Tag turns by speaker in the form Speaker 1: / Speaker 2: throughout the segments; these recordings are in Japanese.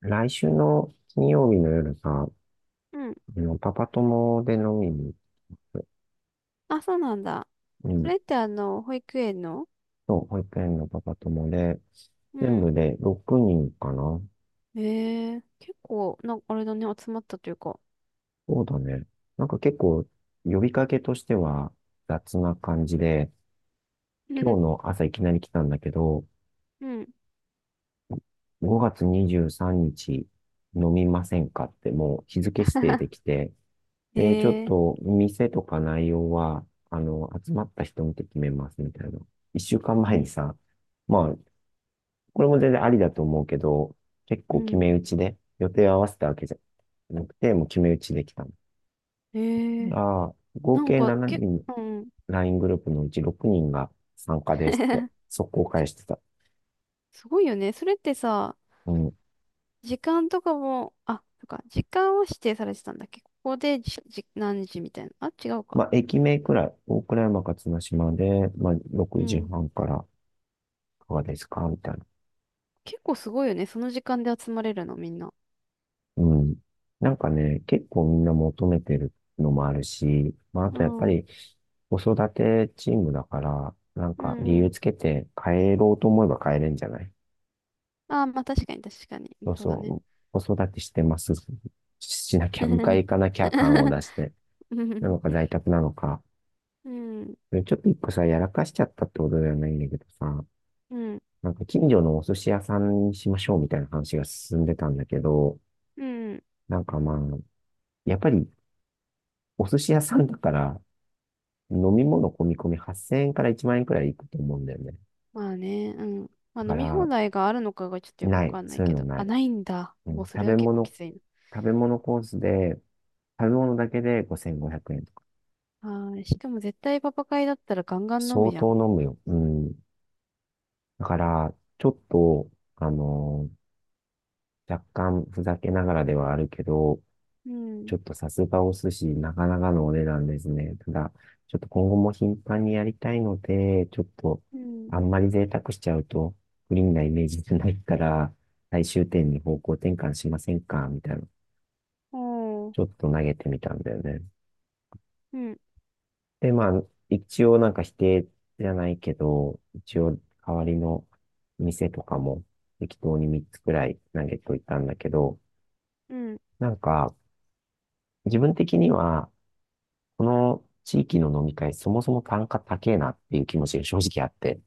Speaker 1: 来週の金曜日の夜が、
Speaker 2: うん。
Speaker 1: パパ友で飲みに行く。
Speaker 2: あ、そうなんだ。
Speaker 1: う
Speaker 2: そ
Speaker 1: ん。
Speaker 2: れって保育園の。
Speaker 1: そう、保育園のパパ友で、
Speaker 2: う
Speaker 1: 全
Speaker 2: ん。
Speaker 1: 部で6人かな。
Speaker 2: ええ結構、あれだね、集まったというか。
Speaker 1: そうだね。なんか結構、呼びかけとしては雑な感じで、
Speaker 2: う
Speaker 1: 今
Speaker 2: ん
Speaker 1: 日の朝いきなり来たんだけど、
Speaker 2: うん。
Speaker 1: 5月23日飲みませんかってもう日付指定でき て、で、ちょっ
Speaker 2: ええ
Speaker 1: と店とか内容は、集まった人見て決めますみたいな。一週間
Speaker 2: う
Speaker 1: 前に
Speaker 2: ん、
Speaker 1: さ、まあ、これも全然ありだと思うけど、結
Speaker 2: う
Speaker 1: 構決
Speaker 2: ん。
Speaker 1: め打ちで、予定を合わせたわけじゃなくて、もう決め打ちできたの。
Speaker 2: ええ
Speaker 1: ああ、合
Speaker 2: なん
Speaker 1: 計7
Speaker 2: か、け、
Speaker 1: 人、
Speaker 2: うん。
Speaker 1: LINE グループのうち6人が参加ですって、速攻返してた。
Speaker 2: すごいよね。それってさ、
Speaker 1: うん。
Speaker 2: 時間とかも、あ、そっか、時間を指定されてたんだっけここで何時みたいな。あ、違う
Speaker 1: ま
Speaker 2: か。
Speaker 1: あ、駅名くらい、大倉山か綱島で、まあ、
Speaker 2: う
Speaker 1: 6
Speaker 2: ん。
Speaker 1: 時半から、いかがですかみたいな。
Speaker 2: 結構すごいよね。その時間で集まれるの、みんな。
Speaker 1: うん。なんかね、結構みんな求めてるのもあるし、まあ、あ
Speaker 2: う
Speaker 1: とやっぱ
Speaker 2: ん。う
Speaker 1: り子育てチームだから、なん
Speaker 2: ん
Speaker 1: か理
Speaker 2: う
Speaker 1: 由
Speaker 2: ん。
Speaker 1: つけて帰ろうと思えば帰れんじゃない？
Speaker 2: ああ、まあ確かに。
Speaker 1: そう
Speaker 2: そうだね。
Speaker 1: そう。子育てしてます。しなきゃ、迎え 行かなきゃ感を出
Speaker 2: う
Speaker 1: して。なのか
Speaker 2: ん、
Speaker 1: 在宅なのか。
Speaker 2: うん、
Speaker 1: ちょっと一個さ、やらかしちゃったってことではないんだけどさ、
Speaker 2: うん、
Speaker 1: なんか近所のお寿司屋さんにしましょうみたいな話が進んでたんだけど、
Speaker 2: うん。
Speaker 1: なんかまあ、やっぱりお寿司屋さんだから、飲み物込み込み8000円から1万円くらいいくと思うんだよね。
Speaker 2: まあね、うん。まあ
Speaker 1: だか
Speaker 2: 飲み放
Speaker 1: ら、
Speaker 2: 題があるのかがちょっとよくわ
Speaker 1: ない。
Speaker 2: かんな
Speaker 1: そ
Speaker 2: い
Speaker 1: ういう
Speaker 2: け
Speaker 1: の
Speaker 2: ど。
Speaker 1: な
Speaker 2: あ、
Speaker 1: い。
Speaker 2: ないんだ。
Speaker 1: う
Speaker 2: も
Speaker 1: ん、
Speaker 2: うそれは結構きつい
Speaker 1: 食べ物コースで、食べ物だけで5500円とか。
Speaker 2: な。はい。しかも絶対パパ会だったらガンガン飲
Speaker 1: 相
Speaker 2: むじゃ
Speaker 1: 当
Speaker 2: ん。
Speaker 1: 飲むよ。うん。だから、ちょっと、あの若干ふざけながらではあるけど、
Speaker 2: うん、
Speaker 1: ちょっとさすがお寿司、なかなかのお値段ですね。ただ、ちょっと今後も頻繁にやりたいので、ちょっと、
Speaker 2: うん、
Speaker 1: あんまり贅沢しちゃうと、不ンなイメージじゃないから、最終点に方向転換しませんかみたいな、
Speaker 2: おー、
Speaker 1: ちょっと投げてみたんだよね。
Speaker 2: うん、
Speaker 1: で、まあ、一応なんか否定じゃないけど、一応代わりの店とかも適当に3つくらい投げといたんだけど、
Speaker 2: うん。
Speaker 1: なんか、自分的には、この地域の飲み会、そもそも単価高えなっていう気持ちが正直あって、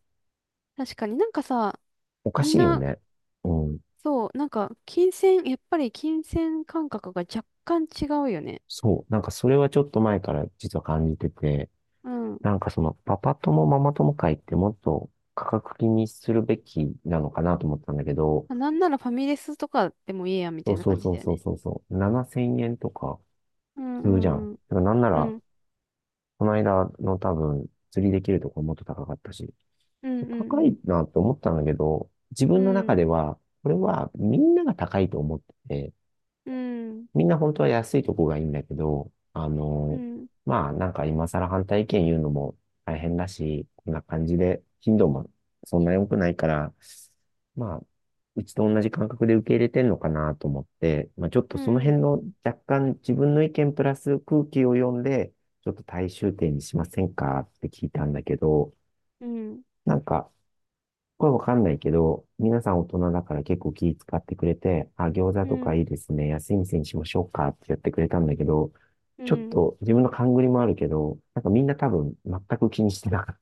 Speaker 2: 確かになんかさ、
Speaker 1: おか
Speaker 2: みん
Speaker 1: しいよ
Speaker 2: な、
Speaker 1: ね。うん。
Speaker 2: やっぱり金銭感覚が若干違うよね。
Speaker 1: そう。なんかそれはちょっと前から実は感じてて、
Speaker 2: うん。
Speaker 1: なんかそのパパ友ママ友会ってもっと価格気にするべきなのかなと思ったんだけど、
Speaker 2: まあなんならファミレスとかでもいいや、み
Speaker 1: そ
Speaker 2: た
Speaker 1: う
Speaker 2: いな
Speaker 1: そう
Speaker 2: 感じ
Speaker 1: そう
Speaker 2: だよ
Speaker 1: そう
Speaker 2: ね。
Speaker 1: そうそう、7000円とか
Speaker 2: うん、
Speaker 1: す
Speaker 2: う
Speaker 1: るじゃん。
Speaker 2: ん、うん。
Speaker 1: だからなんな
Speaker 2: う
Speaker 1: ら、
Speaker 2: ん
Speaker 1: この間の多分釣りできるところもっと高かったし、
Speaker 2: うんう
Speaker 1: 高い
Speaker 2: ん
Speaker 1: なと思ったんだけど、自
Speaker 2: う
Speaker 1: 分の中
Speaker 2: ん
Speaker 1: では、これはみんなが高いと思ってて、
Speaker 2: うん
Speaker 1: みんな本当は安いとこがいいんだけど、
Speaker 2: うん
Speaker 1: まあなんか今更反対意見言うのも大変だし、こんな感じで頻度もそんな良くないから、まあ、うちと同じ感覚で受け入れてんのかなと思って、まあちょっと
Speaker 2: う
Speaker 1: その
Speaker 2: んう
Speaker 1: 辺
Speaker 2: ん
Speaker 1: の若干自分の意見プラス空気を読んで、ちょっと大衆点にしませんかって聞いたんだけど、
Speaker 2: うん
Speaker 1: なんかこれわかんないけど、皆さん大人だから結構気使ってくれて、あ、餃子
Speaker 2: う
Speaker 1: とか
Speaker 2: ん
Speaker 1: いいですね。安い店にしましょうかってやってくれたんだけど、
Speaker 2: う
Speaker 1: ちょっ
Speaker 2: ん。
Speaker 1: と自分の勘繰りもあるけど、なんかみんな多分全く気にしてなかっ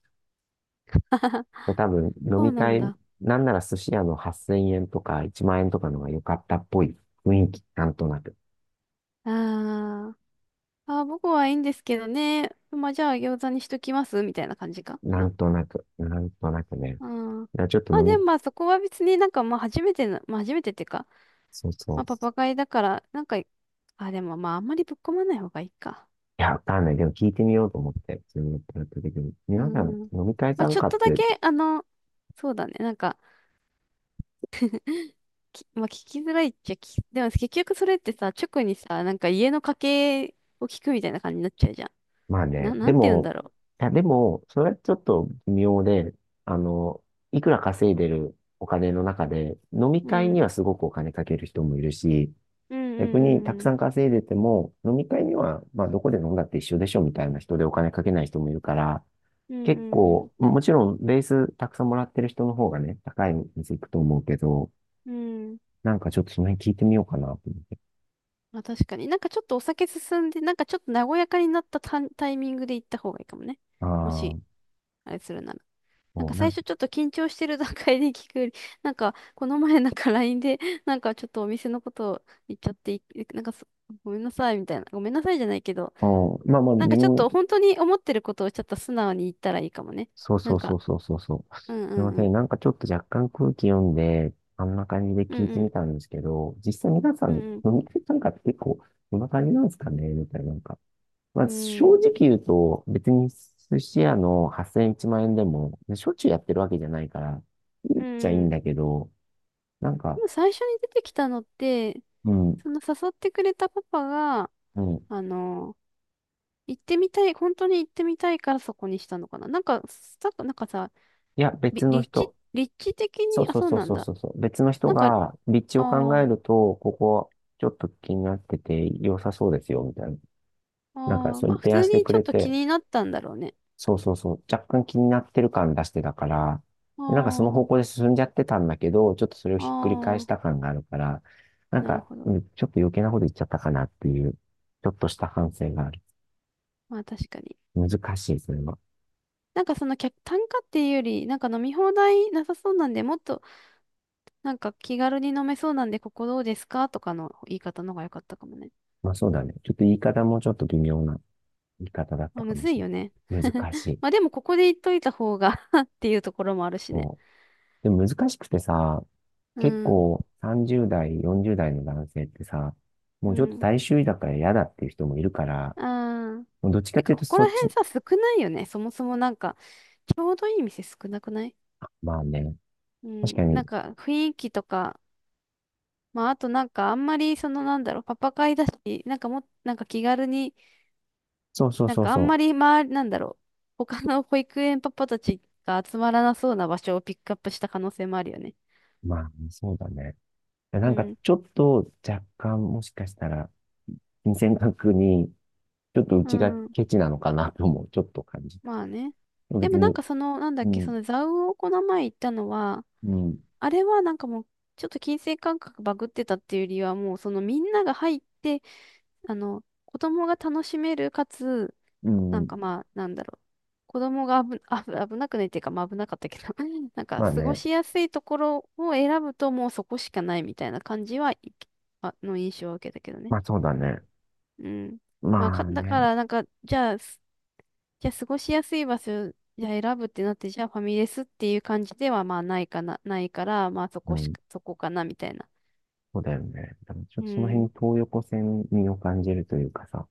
Speaker 2: あはは。
Speaker 1: た。多 分飲
Speaker 2: そう
Speaker 1: み
Speaker 2: なん
Speaker 1: 会、
Speaker 2: だ。
Speaker 1: なんなら寿司屋の8000円とか1万円とかのが良かったっぽい雰囲気、なんとなく。
Speaker 2: あー、あー、僕はいいんですけどね。まあ、じゃあ餃子にしときますみたいな感じか
Speaker 1: な
Speaker 2: な。
Speaker 1: んとなく、なんとなくね。だか
Speaker 2: あー、
Speaker 1: らちょっと
Speaker 2: まあ
Speaker 1: 飲
Speaker 2: で
Speaker 1: み、
Speaker 2: もまあそこは別にまあ初めての、まあ初めてっていうか、
Speaker 1: そうそ
Speaker 2: ま
Speaker 1: う。
Speaker 2: あパパ会だから、なんか、あ、でもまああんまりぶっ込まない方がいいか。
Speaker 1: いや、わかんない。でも聞いてみようと思って、自分のプラット的に。
Speaker 2: う
Speaker 1: 皆さん
Speaker 2: ん。
Speaker 1: 飲み会
Speaker 2: まあ
Speaker 1: 参
Speaker 2: ちょっ
Speaker 1: 加
Speaker 2: と
Speaker 1: っ
Speaker 2: だ
Speaker 1: て、
Speaker 2: け、そうだね。まあ、聞きづらいっちゃでも結局それってさ、直にさ、なんか家の家計を聞くみたいな感じになっちゃうじゃ
Speaker 1: まあ
Speaker 2: ん。
Speaker 1: ね、で
Speaker 2: なんて言うん
Speaker 1: も、
Speaker 2: だろ
Speaker 1: いや、でも、それはちょっと微妙で、あの、いくら稼いでるお金の中で、飲み
Speaker 2: う。う
Speaker 1: 会に
Speaker 2: ん。
Speaker 1: はすごくお金かける人もいるし、
Speaker 2: うんう
Speaker 1: 逆
Speaker 2: んう
Speaker 1: にた
Speaker 2: ん
Speaker 1: く
Speaker 2: うん。
Speaker 1: さん稼いでても、飲み会には、まあ、どこで飲んだって一緒でしょみたいな人でお金かけない人もいるから、
Speaker 2: う
Speaker 1: 結
Speaker 2: んうん
Speaker 1: 構、もちろん、ベースたくさんもらってる人の方がね、高い店行くと思うけど、
Speaker 2: うん。うん。
Speaker 1: なんかちょっとその辺聞いてみようかなと思って。
Speaker 2: まあ確かに。なんかちょっとお酒進んで、なんかちょっと和やかになったタイミングで行った方がいいかもね。も
Speaker 1: ああ、
Speaker 2: し、あれするなら。なん
Speaker 1: も
Speaker 2: か
Speaker 1: う、なん
Speaker 2: 最
Speaker 1: か、
Speaker 2: 初ちょっと緊張してる段階で聞くより、なんかこの前なんか LINE で、なんかちょっとお店のことを言っちゃって、いなんかそごめんなさいみたいな。ごめんなさいじゃないけど、
Speaker 1: うん、まあまあ、
Speaker 2: なん
Speaker 1: 自
Speaker 2: かちょっ
Speaker 1: 分、
Speaker 2: と本当に思ってることをちょっと素直に言ったらいいかもね。
Speaker 1: そう
Speaker 2: な
Speaker 1: そ
Speaker 2: ん
Speaker 1: うそ
Speaker 2: か、
Speaker 1: うそうそうそう。
Speaker 2: う
Speaker 1: す
Speaker 2: んう
Speaker 1: い
Speaker 2: ん
Speaker 1: ま
Speaker 2: う
Speaker 1: せん。
Speaker 2: ん。
Speaker 1: なんかちょっと若干空気読んで、あんな感じで
Speaker 2: う
Speaker 1: 聞い
Speaker 2: ん
Speaker 1: て
Speaker 2: う
Speaker 1: み
Speaker 2: ん。
Speaker 1: たんですけど、実際皆さ
Speaker 2: う
Speaker 1: ん、
Speaker 2: んうん。
Speaker 1: 飲み会なんかって結構、こんな感じなんですかねみたいな。なんか、まあ正直言うと、別に寿司屋の8000、 1万円でも、しょっちゅうやってるわけじゃないから、言
Speaker 2: う
Speaker 1: っちゃいい
Speaker 2: んう
Speaker 1: ん
Speaker 2: ん。
Speaker 1: だけど、なん
Speaker 2: で
Speaker 1: か、
Speaker 2: も最初に出てきたのって、
Speaker 1: うん、
Speaker 2: その誘ってくれたパパが、
Speaker 1: うん。
Speaker 2: あの、行ってみたい、本当に行ってみたいからそこにしたのかな。なんかさ、
Speaker 1: いや、別の人。
Speaker 2: 立地的
Speaker 1: そう
Speaker 2: に、あ、
Speaker 1: そう
Speaker 2: そう
Speaker 1: そう
Speaker 2: なん
Speaker 1: そう
Speaker 2: だ。
Speaker 1: そうそう。別の人
Speaker 2: なんか、あ
Speaker 1: が、立地を考
Speaker 2: あ、
Speaker 1: えると、ここ、ちょっと気になってて、良さそうですよ、みたいな。なんか、
Speaker 2: ああ、
Speaker 1: そ
Speaker 2: ま
Speaker 1: う
Speaker 2: あ普
Speaker 1: 提案
Speaker 2: 通
Speaker 1: して
Speaker 2: に
Speaker 1: く
Speaker 2: ちょっ
Speaker 1: れ
Speaker 2: と気
Speaker 1: て、
Speaker 2: になったんだろうね。
Speaker 1: そうそうそう、若干気になってる感出してたから、
Speaker 2: あ
Speaker 1: でなんかその方向で進んじゃってたんだけど、ちょっとそれを
Speaker 2: あ、
Speaker 1: ひっくり返
Speaker 2: あ
Speaker 1: した
Speaker 2: あ、
Speaker 1: 感があるから、なん
Speaker 2: なる
Speaker 1: か、
Speaker 2: ほど。
Speaker 1: うん、ちょっと余計なこと言っちゃったかなっていう、ちょっとした反省がある。
Speaker 2: まあ確かに。
Speaker 1: 難しい、それは。
Speaker 2: なんかその客単価っていうより、なんか飲み放題なさそうなんで、もっとなんか気軽に飲めそうなんで、ここどうですかとかの言い方の方が良かったかもね。
Speaker 1: まあそうだね。ちょっと言い方もちょっと微妙な言い方だっ
Speaker 2: ま
Speaker 1: た
Speaker 2: あ、
Speaker 1: か
Speaker 2: む
Speaker 1: も
Speaker 2: ず
Speaker 1: し
Speaker 2: い
Speaker 1: れ
Speaker 2: よね。
Speaker 1: ない。難しい。
Speaker 2: まあでも、ここで言っといた方が っていうところもあるしね。
Speaker 1: そう。でも難しくてさ、
Speaker 2: う
Speaker 1: 結
Speaker 2: ん。
Speaker 1: 構30代、40代の男性ってさ、も
Speaker 2: う
Speaker 1: うちょっと
Speaker 2: ん。
Speaker 1: 大衆だから嫌だっていう人もいるから、
Speaker 2: ああ。
Speaker 1: どっちかっ
Speaker 2: て
Speaker 1: てい
Speaker 2: か、
Speaker 1: うと、
Speaker 2: ここ
Speaker 1: そ
Speaker 2: ら
Speaker 1: っ
Speaker 2: 辺
Speaker 1: ち、
Speaker 2: さ、少ないよね。そもそもなんか、ちょうどいい店少なくない？
Speaker 1: まあね、
Speaker 2: う
Speaker 1: 確
Speaker 2: ん。
Speaker 1: か
Speaker 2: な
Speaker 1: に、
Speaker 2: んか、雰囲気とか、まあ、あとなんか、あんまり、パパ会だし、なんかもっ、なんか気軽に、
Speaker 1: そうそう
Speaker 2: なん
Speaker 1: そう
Speaker 2: かあん
Speaker 1: そ
Speaker 2: まり、まあ、なんだろう。他の保育園パパたちが集まらなそうな場所をピックアップした可能性もあるよね。
Speaker 1: う、まあ、そうだね。
Speaker 2: う
Speaker 1: なんか、
Speaker 2: ん。
Speaker 1: ちょっと若干、もしかしたら、金銭額に、ちょっとう
Speaker 2: う
Speaker 1: ちが
Speaker 2: ん。
Speaker 1: ケチなのかなとも、ちょっと感じた。
Speaker 2: まあね。で
Speaker 1: 別
Speaker 2: もなん
Speaker 1: に、
Speaker 2: かその、なんだっ
Speaker 1: う
Speaker 2: け、そ
Speaker 1: ん、
Speaker 2: の蔵魚をこの前行ったのは、
Speaker 1: うん、
Speaker 2: あれはなんかもう、ちょっと金銭感覚バグってたっていうよりは、もうそのみんなが入って、あの、子供が楽しめる、かつ、
Speaker 1: う
Speaker 2: なん
Speaker 1: ん、
Speaker 2: かまあ、なんだろう。子供が危、あぶ危なくないっていうか、まあ危なかったけど、なんか
Speaker 1: まあ
Speaker 2: 過ご
Speaker 1: ね、
Speaker 2: しやすいところを選ぶともうそこしかないみたいな感じ、はい、あの印象を受けたけどね。
Speaker 1: まあそうだね。
Speaker 2: うん。まあ、
Speaker 1: まあ
Speaker 2: だか
Speaker 1: ね、
Speaker 2: らなんか、じゃあ過ごしやすい場所、じゃあ選ぶってなって、じゃあファミレスっていう感じではまあないかな、ないから、
Speaker 1: うん、
Speaker 2: そこかなみたいな。
Speaker 1: そうだよね。だからちょっ
Speaker 2: う
Speaker 1: とその辺、
Speaker 2: ん。
Speaker 1: 東横線味を感じるというかさ、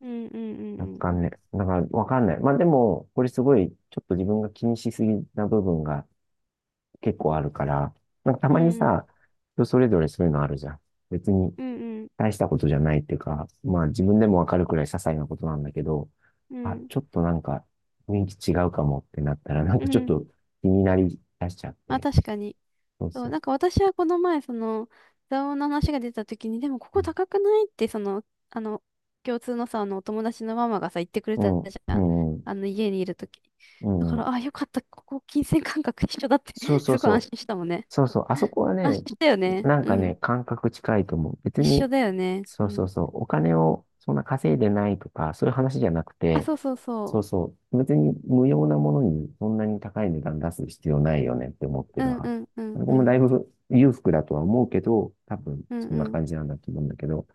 Speaker 2: うんうんうん
Speaker 1: 若
Speaker 2: うん。
Speaker 1: 干ね、だからわかんない。まあでも、これすごい、ちょっと自分が気にしすぎな部分が、結構あるから、なんかた
Speaker 2: う
Speaker 1: まに
Speaker 2: んうん。
Speaker 1: さ、人それぞれそういうのあるじゃん。別に
Speaker 2: うんうん。
Speaker 1: 大したことじゃないっていうか、まあ自分でもわかるくらい些細なことなんだけど、
Speaker 2: う
Speaker 1: あ、
Speaker 2: ん。
Speaker 1: ちょっとなんか雰囲気違うかもってなったら、なん
Speaker 2: う
Speaker 1: かちょっ
Speaker 2: ん。
Speaker 1: と気になり出しちゃっ
Speaker 2: あ、
Speaker 1: て。
Speaker 2: 確かに。
Speaker 1: そう
Speaker 2: そ
Speaker 1: そ
Speaker 2: う、
Speaker 1: う。
Speaker 2: なんか私はこの前、その、座王の話が出た時に、でもこ
Speaker 1: う
Speaker 2: こ高くないって、その、あの、共通のさ、あの、お友達のママがさ、言ってくれた
Speaker 1: ん、
Speaker 2: じゃ
Speaker 1: う
Speaker 2: ん。
Speaker 1: ん、うん。
Speaker 2: あの、家にいる時
Speaker 1: う
Speaker 2: だか
Speaker 1: ん、
Speaker 2: ら、あ、よかった。ここ、金銭感覚一緒だって
Speaker 1: そう そ
Speaker 2: す
Speaker 1: う
Speaker 2: ごい安
Speaker 1: そう。
Speaker 2: 心したもんね。
Speaker 1: そうそう、あそこは
Speaker 2: 安心
Speaker 1: ね、
Speaker 2: したよね。
Speaker 1: なん
Speaker 2: う
Speaker 1: かね、
Speaker 2: ん。
Speaker 1: 感覚近いと思う。別
Speaker 2: 一緒
Speaker 1: に、
Speaker 2: だよね。う
Speaker 1: そうそう
Speaker 2: ん。
Speaker 1: そう、お金をそんな稼いでないとか、そういう話じゃなく
Speaker 2: あ、
Speaker 1: て、
Speaker 2: そうそう
Speaker 1: そ
Speaker 2: そ
Speaker 1: うそう、別に無用なものにそんなに高い値段出す必要ないよねって思って
Speaker 2: う。
Speaker 1: る
Speaker 2: うんう
Speaker 1: 派。
Speaker 2: んうん
Speaker 1: 僕
Speaker 2: う
Speaker 1: も
Speaker 2: ん。
Speaker 1: だいぶ裕福だとは思うけど、多分
Speaker 2: うん
Speaker 1: そん
Speaker 2: う
Speaker 1: な
Speaker 2: ん。
Speaker 1: 感じなんだと思うんだけど、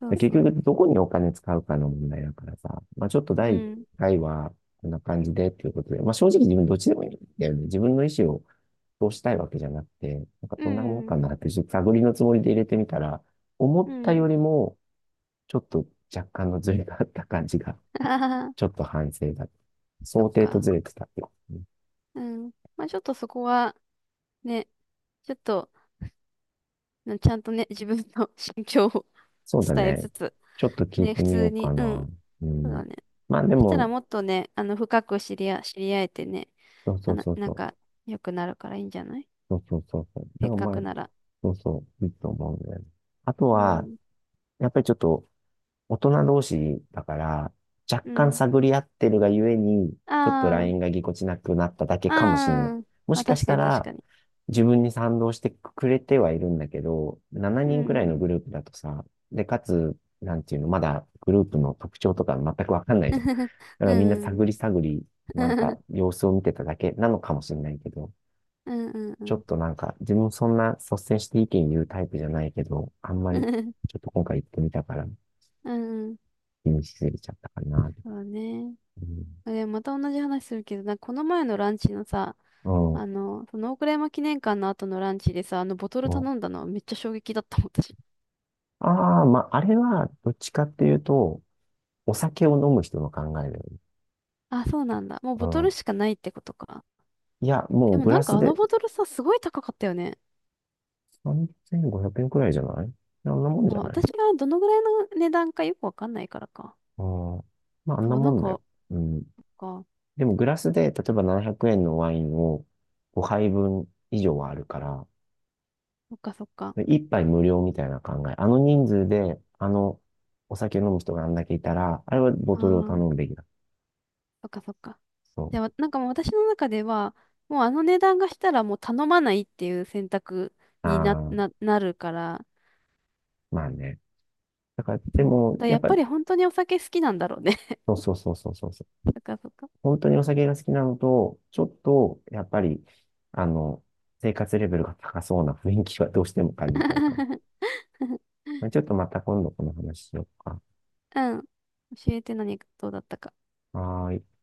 Speaker 2: そ
Speaker 1: で
Speaker 2: う
Speaker 1: 結
Speaker 2: そ
Speaker 1: 局、
Speaker 2: う。
Speaker 1: どこにお金使うかの問題だからさ、まあちょっと
Speaker 2: う
Speaker 1: 第一
Speaker 2: ん。
Speaker 1: 回はこんな感じでっていうことで、まあ正直自分どっちでもいいんだよね。自分の意思を通したいわけじゃなくて、なんか
Speaker 2: う
Speaker 1: どんなもん
Speaker 2: んうん。
Speaker 1: かなって、ちょっと探りのつもりで入れてみたら、思
Speaker 2: う
Speaker 1: ったよ
Speaker 2: ん。
Speaker 1: りもちょっと若干のズレがあった感じが、
Speaker 2: あはは。
Speaker 1: ちょっと反省だ。
Speaker 2: そっ
Speaker 1: 想定と
Speaker 2: か。
Speaker 1: ずれてたってことね。
Speaker 2: うん。まあちょっとそこは、ね、ちょっと、ちゃんとね、自分の 心境を
Speaker 1: そうだ
Speaker 2: 伝え
Speaker 1: ね。
Speaker 2: つつ、
Speaker 1: ちょっと聞い
Speaker 2: ね、
Speaker 1: て
Speaker 2: 普
Speaker 1: みよ
Speaker 2: 通
Speaker 1: うか
Speaker 2: に、うん、
Speaker 1: な。う
Speaker 2: そう
Speaker 1: ん。
Speaker 2: だね。
Speaker 1: まあで
Speaker 2: そしたら
Speaker 1: も、
Speaker 2: もっとね、あの、深く知り合、知り合えてね、
Speaker 1: そうそ
Speaker 2: あ
Speaker 1: う
Speaker 2: の、
Speaker 1: そう
Speaker 2: な
Speaker 1: そ
Speaker 2: ん
Speaker 1: う。
Speaker 2: か、良くなるからいいんじゃない？
Speaker 1: そうそうそうそう。だか
Speaker 2: せっ
Speaker 1: ら
Speaker 2: か
Speaker 1: まあ、
Speaker 2: くなら。
Speaker 1: そうそう、いいと思うんだよね。あと
Speaker 2: う
Speaker 1: は、
Speaker 2: ん、
Speaker 1: やっぱりちょっと、大人同士だから、若
Speaker 2: う
Speaker 1: 干
Speaker 2: ん。
Speaker 1: 探り合ってるがゆえに、ちょっと
Speaker 2: あ
Speaker 1: LINE がぎこちなくなっただけ
Speaker 2: あ、
Speaker 1: かもしんない。
Speaker 2: ああ、
Speaker 1: も
Speaker 2: ま
Speaker 1: し
Speaker 2: あ
Speaker 1: かし
Speaker 2: 確か
Speaker 1: た
Speaker 2: に確
Speaker 1: ら、
Speaker 2: かに。
Speaker 1: 自分に賛同してくれてはいるんだけど、7
Speaker 2: う
Speaker 1: 人くらい
Speaker 2: ん、
Speaker 1: のグループだとさ、で、かつ、なんていうの、まだグループの特徴とか全くわかんない
Speaker 2: う
Speaker 1: じゃん。
Speaker 2: ん。
Speaker 1: だからみんな探り探り、
Speaker 2: う
Speaker 1: なん
Speaker 2: ん、う
Speaker 1: か
Speaker 2: ん。
Speaker 1: 様子を見てただけなのかもしれないけど、
Speaker 2: う
Speaker 1: ちょ
Speaker 2: ん、
Speaker 1: っとなんか、自分そんな率先して意見言うタイプじゃないけど、あんま
Speaker 2: うん、
Speaker 1: り、
Speaker 2: うん。
Speaker 1: ちょっと今回行ってみたから、
Speaker 2: うん、うん。
Speaker 1: 気にしすぎちゃったかなっ て。
Speaker 2: そうね。
Speaker 1: う
Speaker 2: あ、でもまた同じ話するけど、なんかこの前のランチのさ、
Speaker 1: ん。
Speaker 2: あの、その大倉山記念館の後のランチでさ、あのボトル
Speaker 1: うん。
Speaker 2: 頼んだのはめっちゃ衝撃だったもん、私。
Speaker 1: ああー、まあ、あれは、どっちかっていうと、お酒を飲む人の考えだよね。
Speaker 2: あ、そうなんだ。もうボトル
Speaker 1: う
Speaker 2: しかないってことか。
Speaker 1: ん。いや、も
Speaker 2: で
Speaker 1: う
Speaker 2: も
Speaker 1: グ
Speaker 2: な
Speaker 1: ラ
Speaker 2: んか
Speaker 1: ス
Speaker 2: あの
Speaker 1: で
Speaker 2: ボトルさ、すごい高かったよね。
Speaker 1: 3500円くえんくらいじゃない？あんなもん
Speaker 2: あ、
Speaker 1: じゃな
Speaker 2: 私
Speaker 1: い？
Speaker 2: がどのぐらいの値段かよくわかんないからか。
Speaker 1: うん。まあ、あん
Speaker 2: そ
Speaker 1: な
Speaker 2: う、な
Speaker 1: も
Speaker 2: ん
Speaker 1: んだよ。
Speaker 2: か、
Speaker 1: うん。
Speaker 2: そっ
Speaker 1: でも、グラスで、例えば700円のワインを5杯分以上はあるから、
Speaker 2: か、そっか。
Speaker 1: 一杯無料みたいな考え。あの人数で、お酒飲む人があんだけいたら、あれはボ
Speaker 2: ああ
Speaker 1: トルを頼
Speaker 2: ー、
Speaker 1: むべきだ。
Speaker 2: そっか、そっか。
Speaker 1: そ
Speaker 2: でも、なんかもう私の中では、もうあの値段がしたらもう頼まないっていう選択
Speaker 1: う。
Speaker 2: に
Speaker 1: ああ、
Speaker 2: なるから、
Speaker 1: まあね。だから、で
Speaker 2: そう。
Speaker 1: も、
Speaker 2: だ
Speaker 1: や
Speaker 2: や
Speaker 1: っ
Speaker 2: っ
Speaker 1: ぱ、
Speaker 2: ぱり本当にお酒好きなんだろうね。
Speaker 1: そうそうそうそうそうそう。
Speaker 2: そっかそっか。
Speaker 1: 本当にお酒が好きなのと、ちょっと、やっぱり、あの、生活レベルが高そうな雰囲気はどうしても感じちゃうから。まあちょっとまた今度この話しようか。
Speaker 2: うん。教えて何がどうだったか。
Speaker 1: はーい。